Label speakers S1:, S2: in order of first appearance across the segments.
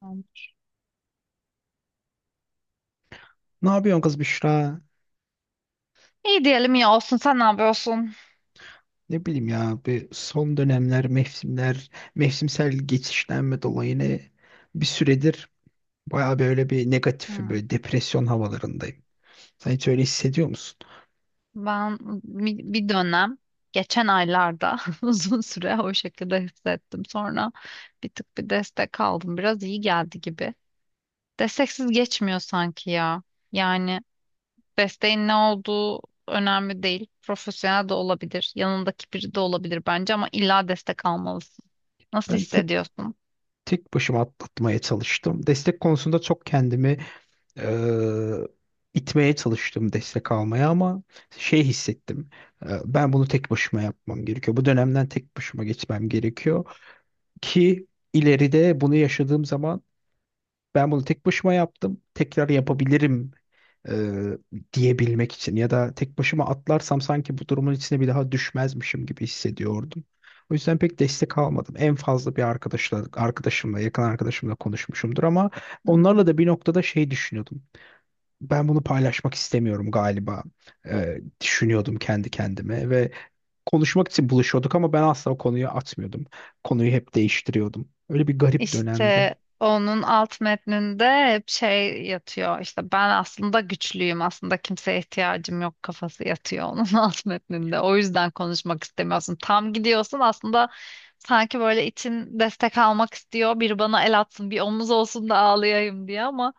S1: Tamam.
S2: Ne yapıyorsun kız Büşra?
S1: İyi diyelim ya olsun sen ne yapıyorsun?
S2: Ne bileyim ya bir son dönemler, mevsimler, mevsimsel geçişlenme dolayı bir süredir baya böyle bir negatifim,
S1: Hmm.
S2: böyle depresyon havalarındayım. Sen hiç öyle hissediyor musun?
S1: Ben bir dönem geçen aylarda uzun süre o şekilde hissettim. Sonra bir tık bir destek aldım. Biraz iyi geldi gibi. Desteksiz geçmiyor sanki ya. Yani desteğin ne olduğu önemli değil. Profesyonel de olabilir. Yanındaki biri de olabilir bence ama illa destek almalısın. Nasıl
S2: Ben tek
S1: hissediyorsun?
S2: tek başıma atlatmaya çalıştım. Destek konusunda çok kendimi eee, itmeye çalıştım destek almaya ama şey hissettim. Ben bunu tek başıma yapmam gerekiyor. Bu dönemden tek başıma geçmem gerekiyor ki ileride bunu yaşadığım zaman ben bunu tek başıma yaptım. Tekrar yapabilirim e, diyebilmek için ya da tek başıma atlarsam sanki bu durumun içine bir daha düşmezmişim gibi hissediyordum. O yüzden pek destek almadım. En fazla bir arkadaşla, arkadaşımla, yakın arkadaşımla konuşmuşumdur ama
S1: Hmm.
S2: onlarla da bir noktada şey düşünüyordum. Ben bunu paylaşmak istemiyorum galiba. Düşünüyordum kendi kendime ve konuşmak için buluşuyorduk ama ben asla o konuyu atmıyordum. Konuyu hep değiştiriyordum. Öyle bir garip dönemdi.
S1: İşte onun alt metninde hep şey yatıyor: İşte ben aslında güçlüyüm, aslında kimseye ihtiyacım yok kafası yatıyor onun alt metninde. O yüzden konuşmak istemiyorsun, tam gidiyorsun aslında, sanki böyle için destek almak istiyor, bir bana el atsın bir omuz olsun da ağlayayım diye, ama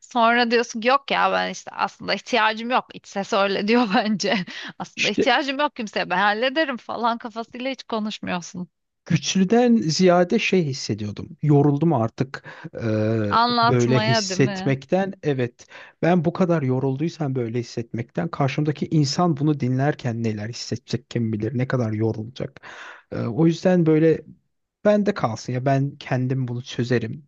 S1: sonra diyorsun ki yok ya ben işte aslında ihtiyacım yok. İç ses öyle diyor bence aslında
S2: İşte
S1: ihtiyacım yok kimseye, ben hallederim falan kafasıyla hiç konuşmuyorsun,
S2: güçlüden ziyade şey hissediyordum. Yoruldum artık, eee, böyle
S1: anlatmaya, değil mi?
S2: hissetmekten. Evet, ben bu kadar yorulduysam böyle hissetmekten, karşımdaki insan bunu dinlerken neler hissedecek kim bilir, ne kadar yorulacak. O yüzden böyle, ben de kalsın ya, ben kendim bunu çözerim.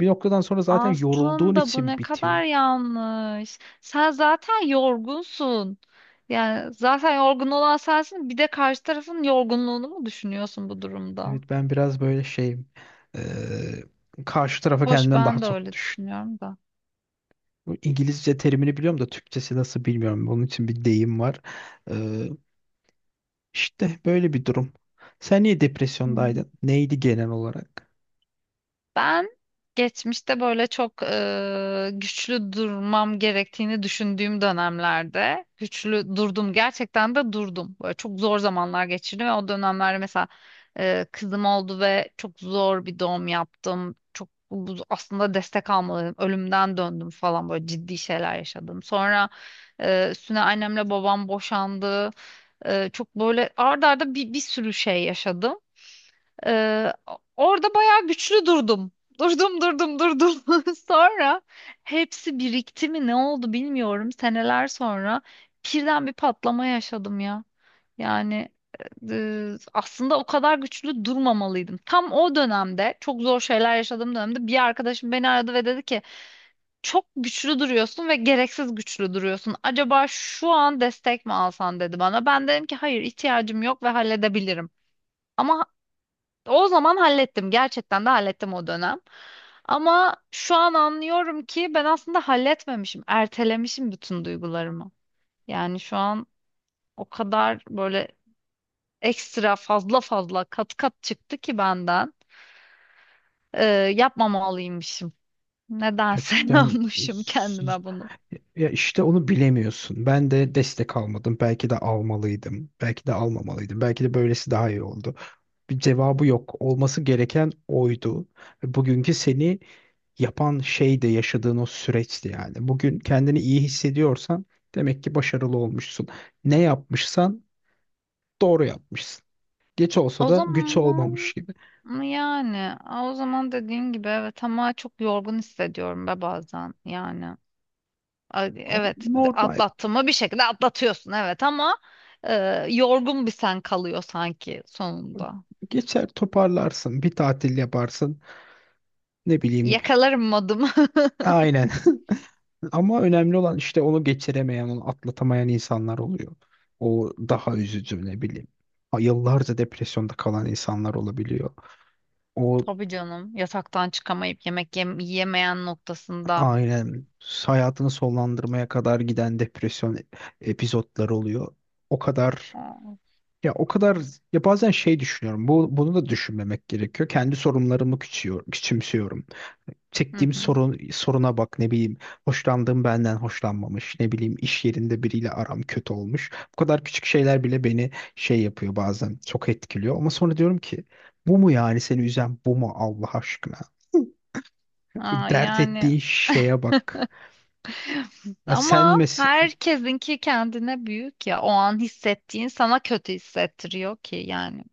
S2: Bir noktadan sonra zaten yorulduğun
S1: Aslında bu
S2: için
S1: ne
S2: bitiyor.
S1: kadar yanlış. Sen zaten yorgunsun. Yani zaten yorgun olan sensin. Bir de karşı tarafın yorgunluğunu mu düşünüyorsun bu durumda?
S2: Evet, ben biraz böyle şeyim. Eee, Karşı tarafa
S1: Hoş
S2: kendimden daha
S1: ben de
S2: çok.
S1: öyle düşünüyorum da.
S2: Bu İngilizce terimini biliyorum da Türkçesi nasıl bilmiyorum. Onun için bir deyim var. Ee, işte böyle bir durum. Sen niye
S1: Hmm.
S2: depresyondaydın? Neydi genel olarak?
S1: Ben geçmişte böyle çok güçlü durmam gerektiğini düşündüğüm dönemlerde güçlü durdum. Gerçekten de durdum. Böyle çok zor zamanlar geçirdim ve o dönemlerde mesela kızım oldu ve çok zor bir doğum yaptım. Çok aslında destek almalıydım. Ölümden döndüm falan böyle ciddi şeyler yaşadım. Sonra üstüne annemle babam boşandı. Çok böyle ard arda bir sürü şey yaşadım. Ee, Orada bayağı güçlü durdum. Durdum durdum durdum. Sonra hepsi birikti mi ne oldu bilmiyorum. Seneler sonra birden bir patlama yaşadım ya. Yani aslında o kadar güçlü durmamalıydım. Tam o dönemde çok zor şeyler yaşadığım dönemde bir arkadaşım beni aradı ve dedi ki çok güçlü duruyorsun ve gereksiz güçlü duruyorsun. Acaba şu an destek mi alsan dedi bana. Ben dedim ki hayır ihtiyacım yok ve halledebilirim. Ama o zaman hallettim. Gerçekten de hallettim o dönem. Ama şu an anlıyorum ki ben aslında halletmemişim. Ertelemişim bütün duygularımı. Yani şu an o kadar böyle ekstra fazla fazla kat kat çıktı ki benden. Ee, yapmamalıymışım. Nedense
S2: Gerçekten
S1: yapmışım
S2: s-
S1: kendime bunu.
S2: ya işte onu bilemiyorsun. Ben de destek almadım. Belki de almalıydım. Belki de almamalıydım. Belki de böylesi daha iyi oldu. Bir cevabı yok. Olması gereken oydu. Bugünkü seni yapan şey de yaşadığın o süreçti yani. Bugün kendini iyi hissediyorsan demek ki başarılı olmuşsun. Ne yapmışsan doğru yapmışsın. Geç olsa
S1: O
S2: da güç olmamış
S1: zaman
S2: gibi.
S1: yani o zaman dediğin gibi evet ama çok yorgun hissediyorum be bazen yani. Ay,
S2: O
S1: evet,
S2: normal.
S1: atlattın mı bir şekilde atlatıyorsun, evet, ama e, yorgun bir sen kalıyor sanki sonunda.
S2: Geçer, toparlarsın, bir tatil yaparsın, ne bileyim.
S1: Yakalarım modumu.
S2: Aynen. Ama önemli olan işte onu geçiremeyen, onu atlatamayan insanlar oluyor. O daha üzücü, ne bileyim. Ay, yıllarca depresyonda kalan insanlar olabiliyor. O,
S1: Tabii canım. Yataktan çıkamayıp yemek yiyemeyen noktasında.
S2: aynen, hayatını sonlandırmaya kadar giden depresyon epizotları oluyor. O kadar
S1: Aa,
S2: o kadar ya, bazen şey düşünüyorum. Bu, bunu da düşünmemek gerekiyor. Kendi sorunlarımı küçüyor, küçümsüyorum.
S1: hı
S2: Çektiğim
S1: hı.
S2: sorun, soruna bak, ne bileyim. Hoşlandığım benden hoşlanmamış. Ne bileyim, iş yerinde biriyle aram kötü olmuş. Bu kadar küçük şeyler bile beni şey yapıyor, bazen çok etkiliyor. Ama sonra diyorum ki, bu mu yani seni üzen, bu mu Allah aşkına?
S1: Aa,
S2: Dert
S1: yani
S2: ettiğin şeye bak. Ya sen
S1: ama
S2: mes
S1: herkesinki kendine büyük ya. O an hissettiğin sana kötü hissettiriyor ki yani.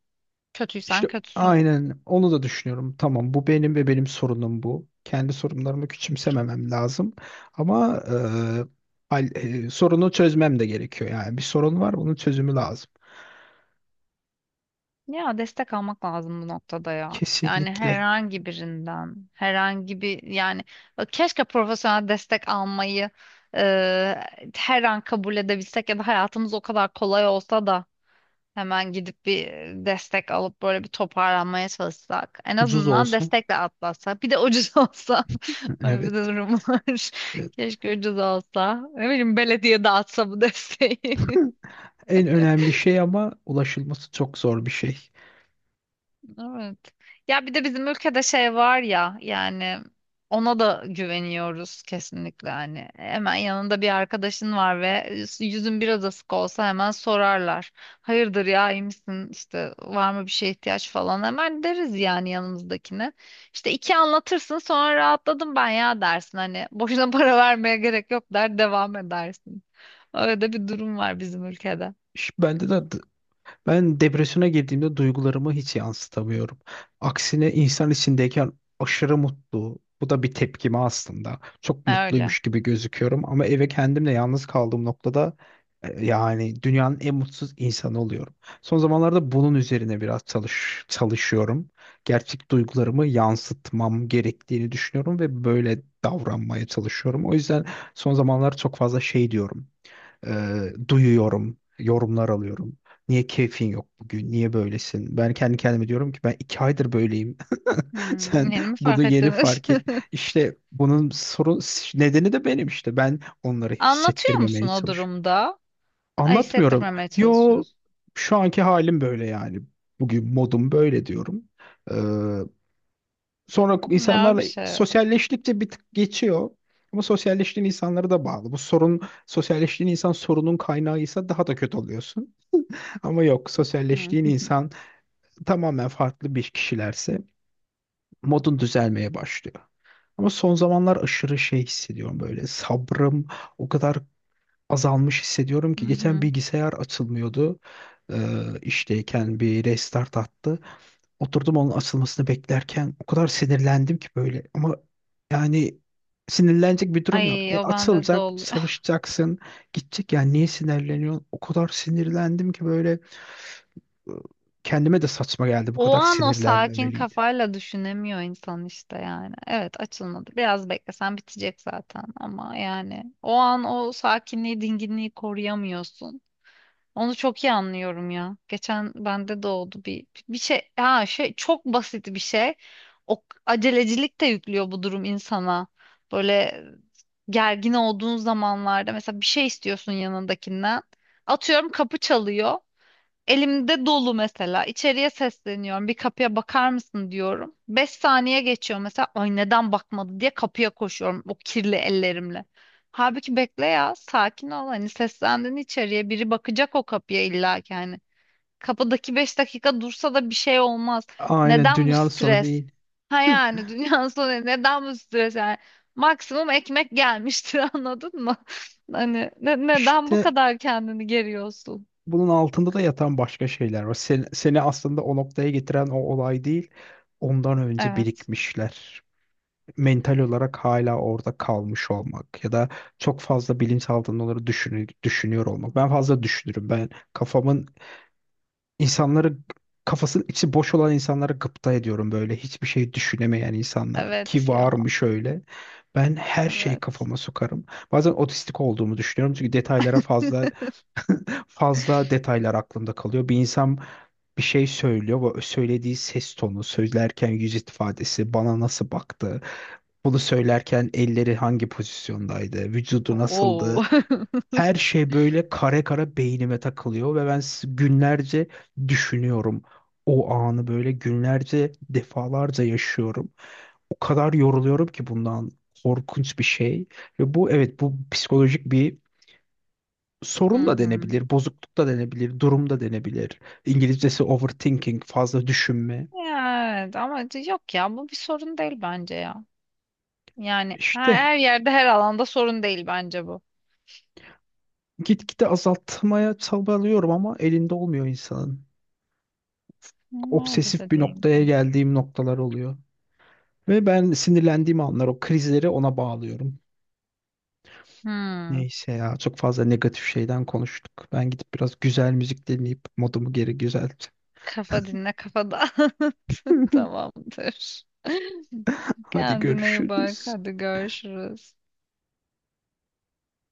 S1: Kötüysen
S2: İşte
S1: kötüsün.
S2: aynen onu da düşünüyorum. Tamam, bu benim ve benim sorunum bu. Kendi sorunlarımı küçümsememem lazım. Ama sorunu çözmem de gerekiyor. Yani bir sorun var, bunun çözümü lazım.
S1: Ya destek almak lazım bu noktada ya. Yani
S2: Kesinlikle.
S1: herhangi birinden, herhangi bir yani, keşke profesyonel destek almayı her an kabul edebilsek ya da hayatımız o kadar kolay olsa da hemen gidip bir destek alıp böyle bir toparlanmaya çalışsak. En
S2: Ucuz
S1: azından
S2: olsun.
S1: destekle atlatsak. Bir de ucuz olsa. Böyle bir de
S2: Evet.
S1: durum var.
S2: Ya,
S1: Keşke ucuz olsa. Ne bileyim belediye dağıtsa bu desteği.
S2: en önemli şey ama ulaşılması çok zor bir şey.
S1: Evet. Ya bir de bizim ülkede şey var ya yani ona da güveniyoruz kesinlikle, hani hemen yanında bir arkadaşın var ve yüzün biraz asık olsa hemen sorarlar. Hayırdır ya, iyi misin işte, var mı bir şeye ihtiyaç falan hemen deriz yani yanımızdakine. İşte iki anlatırsın sonra rahatladım ben ya dersin hani boşuna para vermeye gerek yok der devam edersin. Öyle de bir durum var bizim ülkede.
S2: Bende de ben depresyona girdiğimde duygularımı hiç yansıtamıyorum. Aksine insan içindeyken aşırı mutlu. Bu da bir tepkime aslında. Çok
S1: Öyle.
S2: mutluymuş gibi gözüküyorum ama eve kendimle yalnız kaldığım noktada yani dünyanın en mutsuz insanı oluyorum. Son zamanlarda bunun üzerine biraz çalışıyorum. Gerçek duygularımı yansıtmam gerektiğini düşünüyorum ve böyle davranmaya çalışıyorum. O yüzden son zamanlar çok fazla şey diyorum. Duyuyorum, yorumlar alıyorum. Niye keyfin yok bugün? Niye böylesin? Ben kendi kendime diyorum ki ben 2 aydır böyleyim.
S1: Hmm,
S2: Sen
S1: yeni mi
S2: bunu
S1: fark
S2: yeni
S1: ettiniz?
S2: fark et. İşte bunun sorun nedeni de benim işte. Ben onları
S1: Anlatıyor musun
S2: hissettirmemeye
S1: o
S2: çalış.
S1: durumda? Ay,
S2: Anlatmıyorum.
S1: hissettirmemeye
S2: Yo,
S1: çalışıyorsun.
S2: şu anki halim böyle yani. Bugün modum böyle diyorum. Sonra
S1: Ne
S2: insanlarla
S1: bir şey.
S2: sosyalleştikçe bir tık geçiyor. Ama sosyalleştiğin insanlara da bağlı. Bu sorun, sosyalleştiğin insan sorunun kaynağıysa daha da kötü oluyorsun. Ama yok,
S1: Hı
S2: sosyalleştiğin
S1: hı.
S2: insan tamamen farklı bir kişilerse modun düzelmeye başlıyor. Ama son zamanlar aşırı şey hissediyorum, böyle sabrım o kadar azalmış hissediyorum
S1: Hı
S2: ki geçen
S1: hı.
S2: bilgisayar açılmıyordu. Ee, işteyken bir restart attı. Oturdum onun açılmasını beklerken o kadar sinirlendim ki böyle, ama yani sinirlenecek bir durum yok.
S1: Ay,
S2: E,
S1: o bende de
S2: açılacak,
S1: oluyor.
S2: çalışacaksın, gidecek, yani niye sinirleniyorsun? O kadar sinirlendim ki böyle, e, kendime de saçma geldi, bu
S1: O
S2: kadar
S1: an o sakin
S2: sinirlenmemeliydi.
S1: kafayla düşünemiyor insan işte yani. Evet, açılmadı. Biraz beklesen bitecek zaten ama yani o an o sakinliği, dinginliği koruyamıyorsun. Onu çok iyi anlıyorum ya. Geçen bende de oldu bir şey. Ha şey çok basit bir şey. O acelecilik de yüklüyor bu durum insana. Böyle gergin olduğun zamanlarda mesela bir şey istiyorsun yanındakinden. Atıyorum kapı çalıyor. Elimde dolu mesela. İçeriye sesleniyorum. Bir kapıya bakar mısın diyorum. 5 saniye geçiyor mesela. Ay, neden bakmadı diye kapıya koşuyorum o kirli ellerimle. Halbuki bekle ya. Sakin ol. Hani seslendin içeriye. Biri bakacak o kapıya illa ki hani. Kapıdaki 5 dakika dursa da bir şey olmaz.
S2: Aynen,
S1: Neden bu
S2: dünyanın sonu
S1: stres?
S2: değil.
S1: Ha yani dünyanın sonu, neden bu stres yani? Maksimum ekmek gelmiştir anladın mı? Hani neden bu
S2: İşte
S1: kadar kendini geriyorsun?
S2: bunun altında da yatan başka şeyler var. Seni aslında o noktaya getiren o olay değil, ondan önce
S1: Evet.
S2: birikmişler. Mental olarak hala orada kalmış olmak ya da çok fazla bilinçaltında onları düşünüyor olmak. Ben fazla düşünürüm. Ben kafamın insanları kafasının içi boş olan insanlara gıpta ediyorum böyle. Hiçbir şey düşünemeyen insanlar ki
S1: Evet ya.
S2: varmış öyle. Ben her şeyi
S1: Evet.
S2: kafama sokarım. Bazen otistik olduğumu düşünüyorum çünkü detaylara fazla detaylar aklımda kalıyor. Bir insan bir şey söylüyor ve söylediği ses tonu, söylerken yüz ifadesi, bana nasıl baktı, bunu söylerken elleri hangi pozisyondaydı, vücudu nasıldı.
S1: Oo.
S2: Her şey böyle kare kare beynime takılıyor ve günlerce düşünüyorum. O anı böyle günlerce, defalarca yaşıyorum. O kadar yoruluyorum ki bundan, korkunç bir şey. Ve bu, evet, bu psikolojik bir
S1: Hı
S2: sorun da
S1: hı.
S2: denebilir, bozukluk da denebilir, durum da denebilir. İngilizcesi overthinking, fazla düşünme.
S1: Evet ama yok ya bu bir sorun değil bence ya. Yani her,
S2: İşte
S1: her yerde her alanda sorun değil bence bu.
S2: gitgide azaltmaya çabalıyorum ama elinde olmuyor insanın.
S1: Nerede
S2: Obsesif
S1: de
S2: bir
S1: değil.
S2: noktaya
S1: Tabii.
S2: geldiğim noktalar oluyor. Ve ben sinirlendiğim anlar o krizleri ona bağlıyorum.
S1: Hmm.
S2: Neyse ya, çok fazla negatif şeyden konuştuk. Ben gidip biraz güzel müzik dinleyip modumu geri güzelteceğim.
S1: Kafa dinle kafa dağıt. Tamamdır.
S2: Hadi
S1: Kendine iyi bak.
S2: görüşürüz.
S1: Hadi görüşürüz.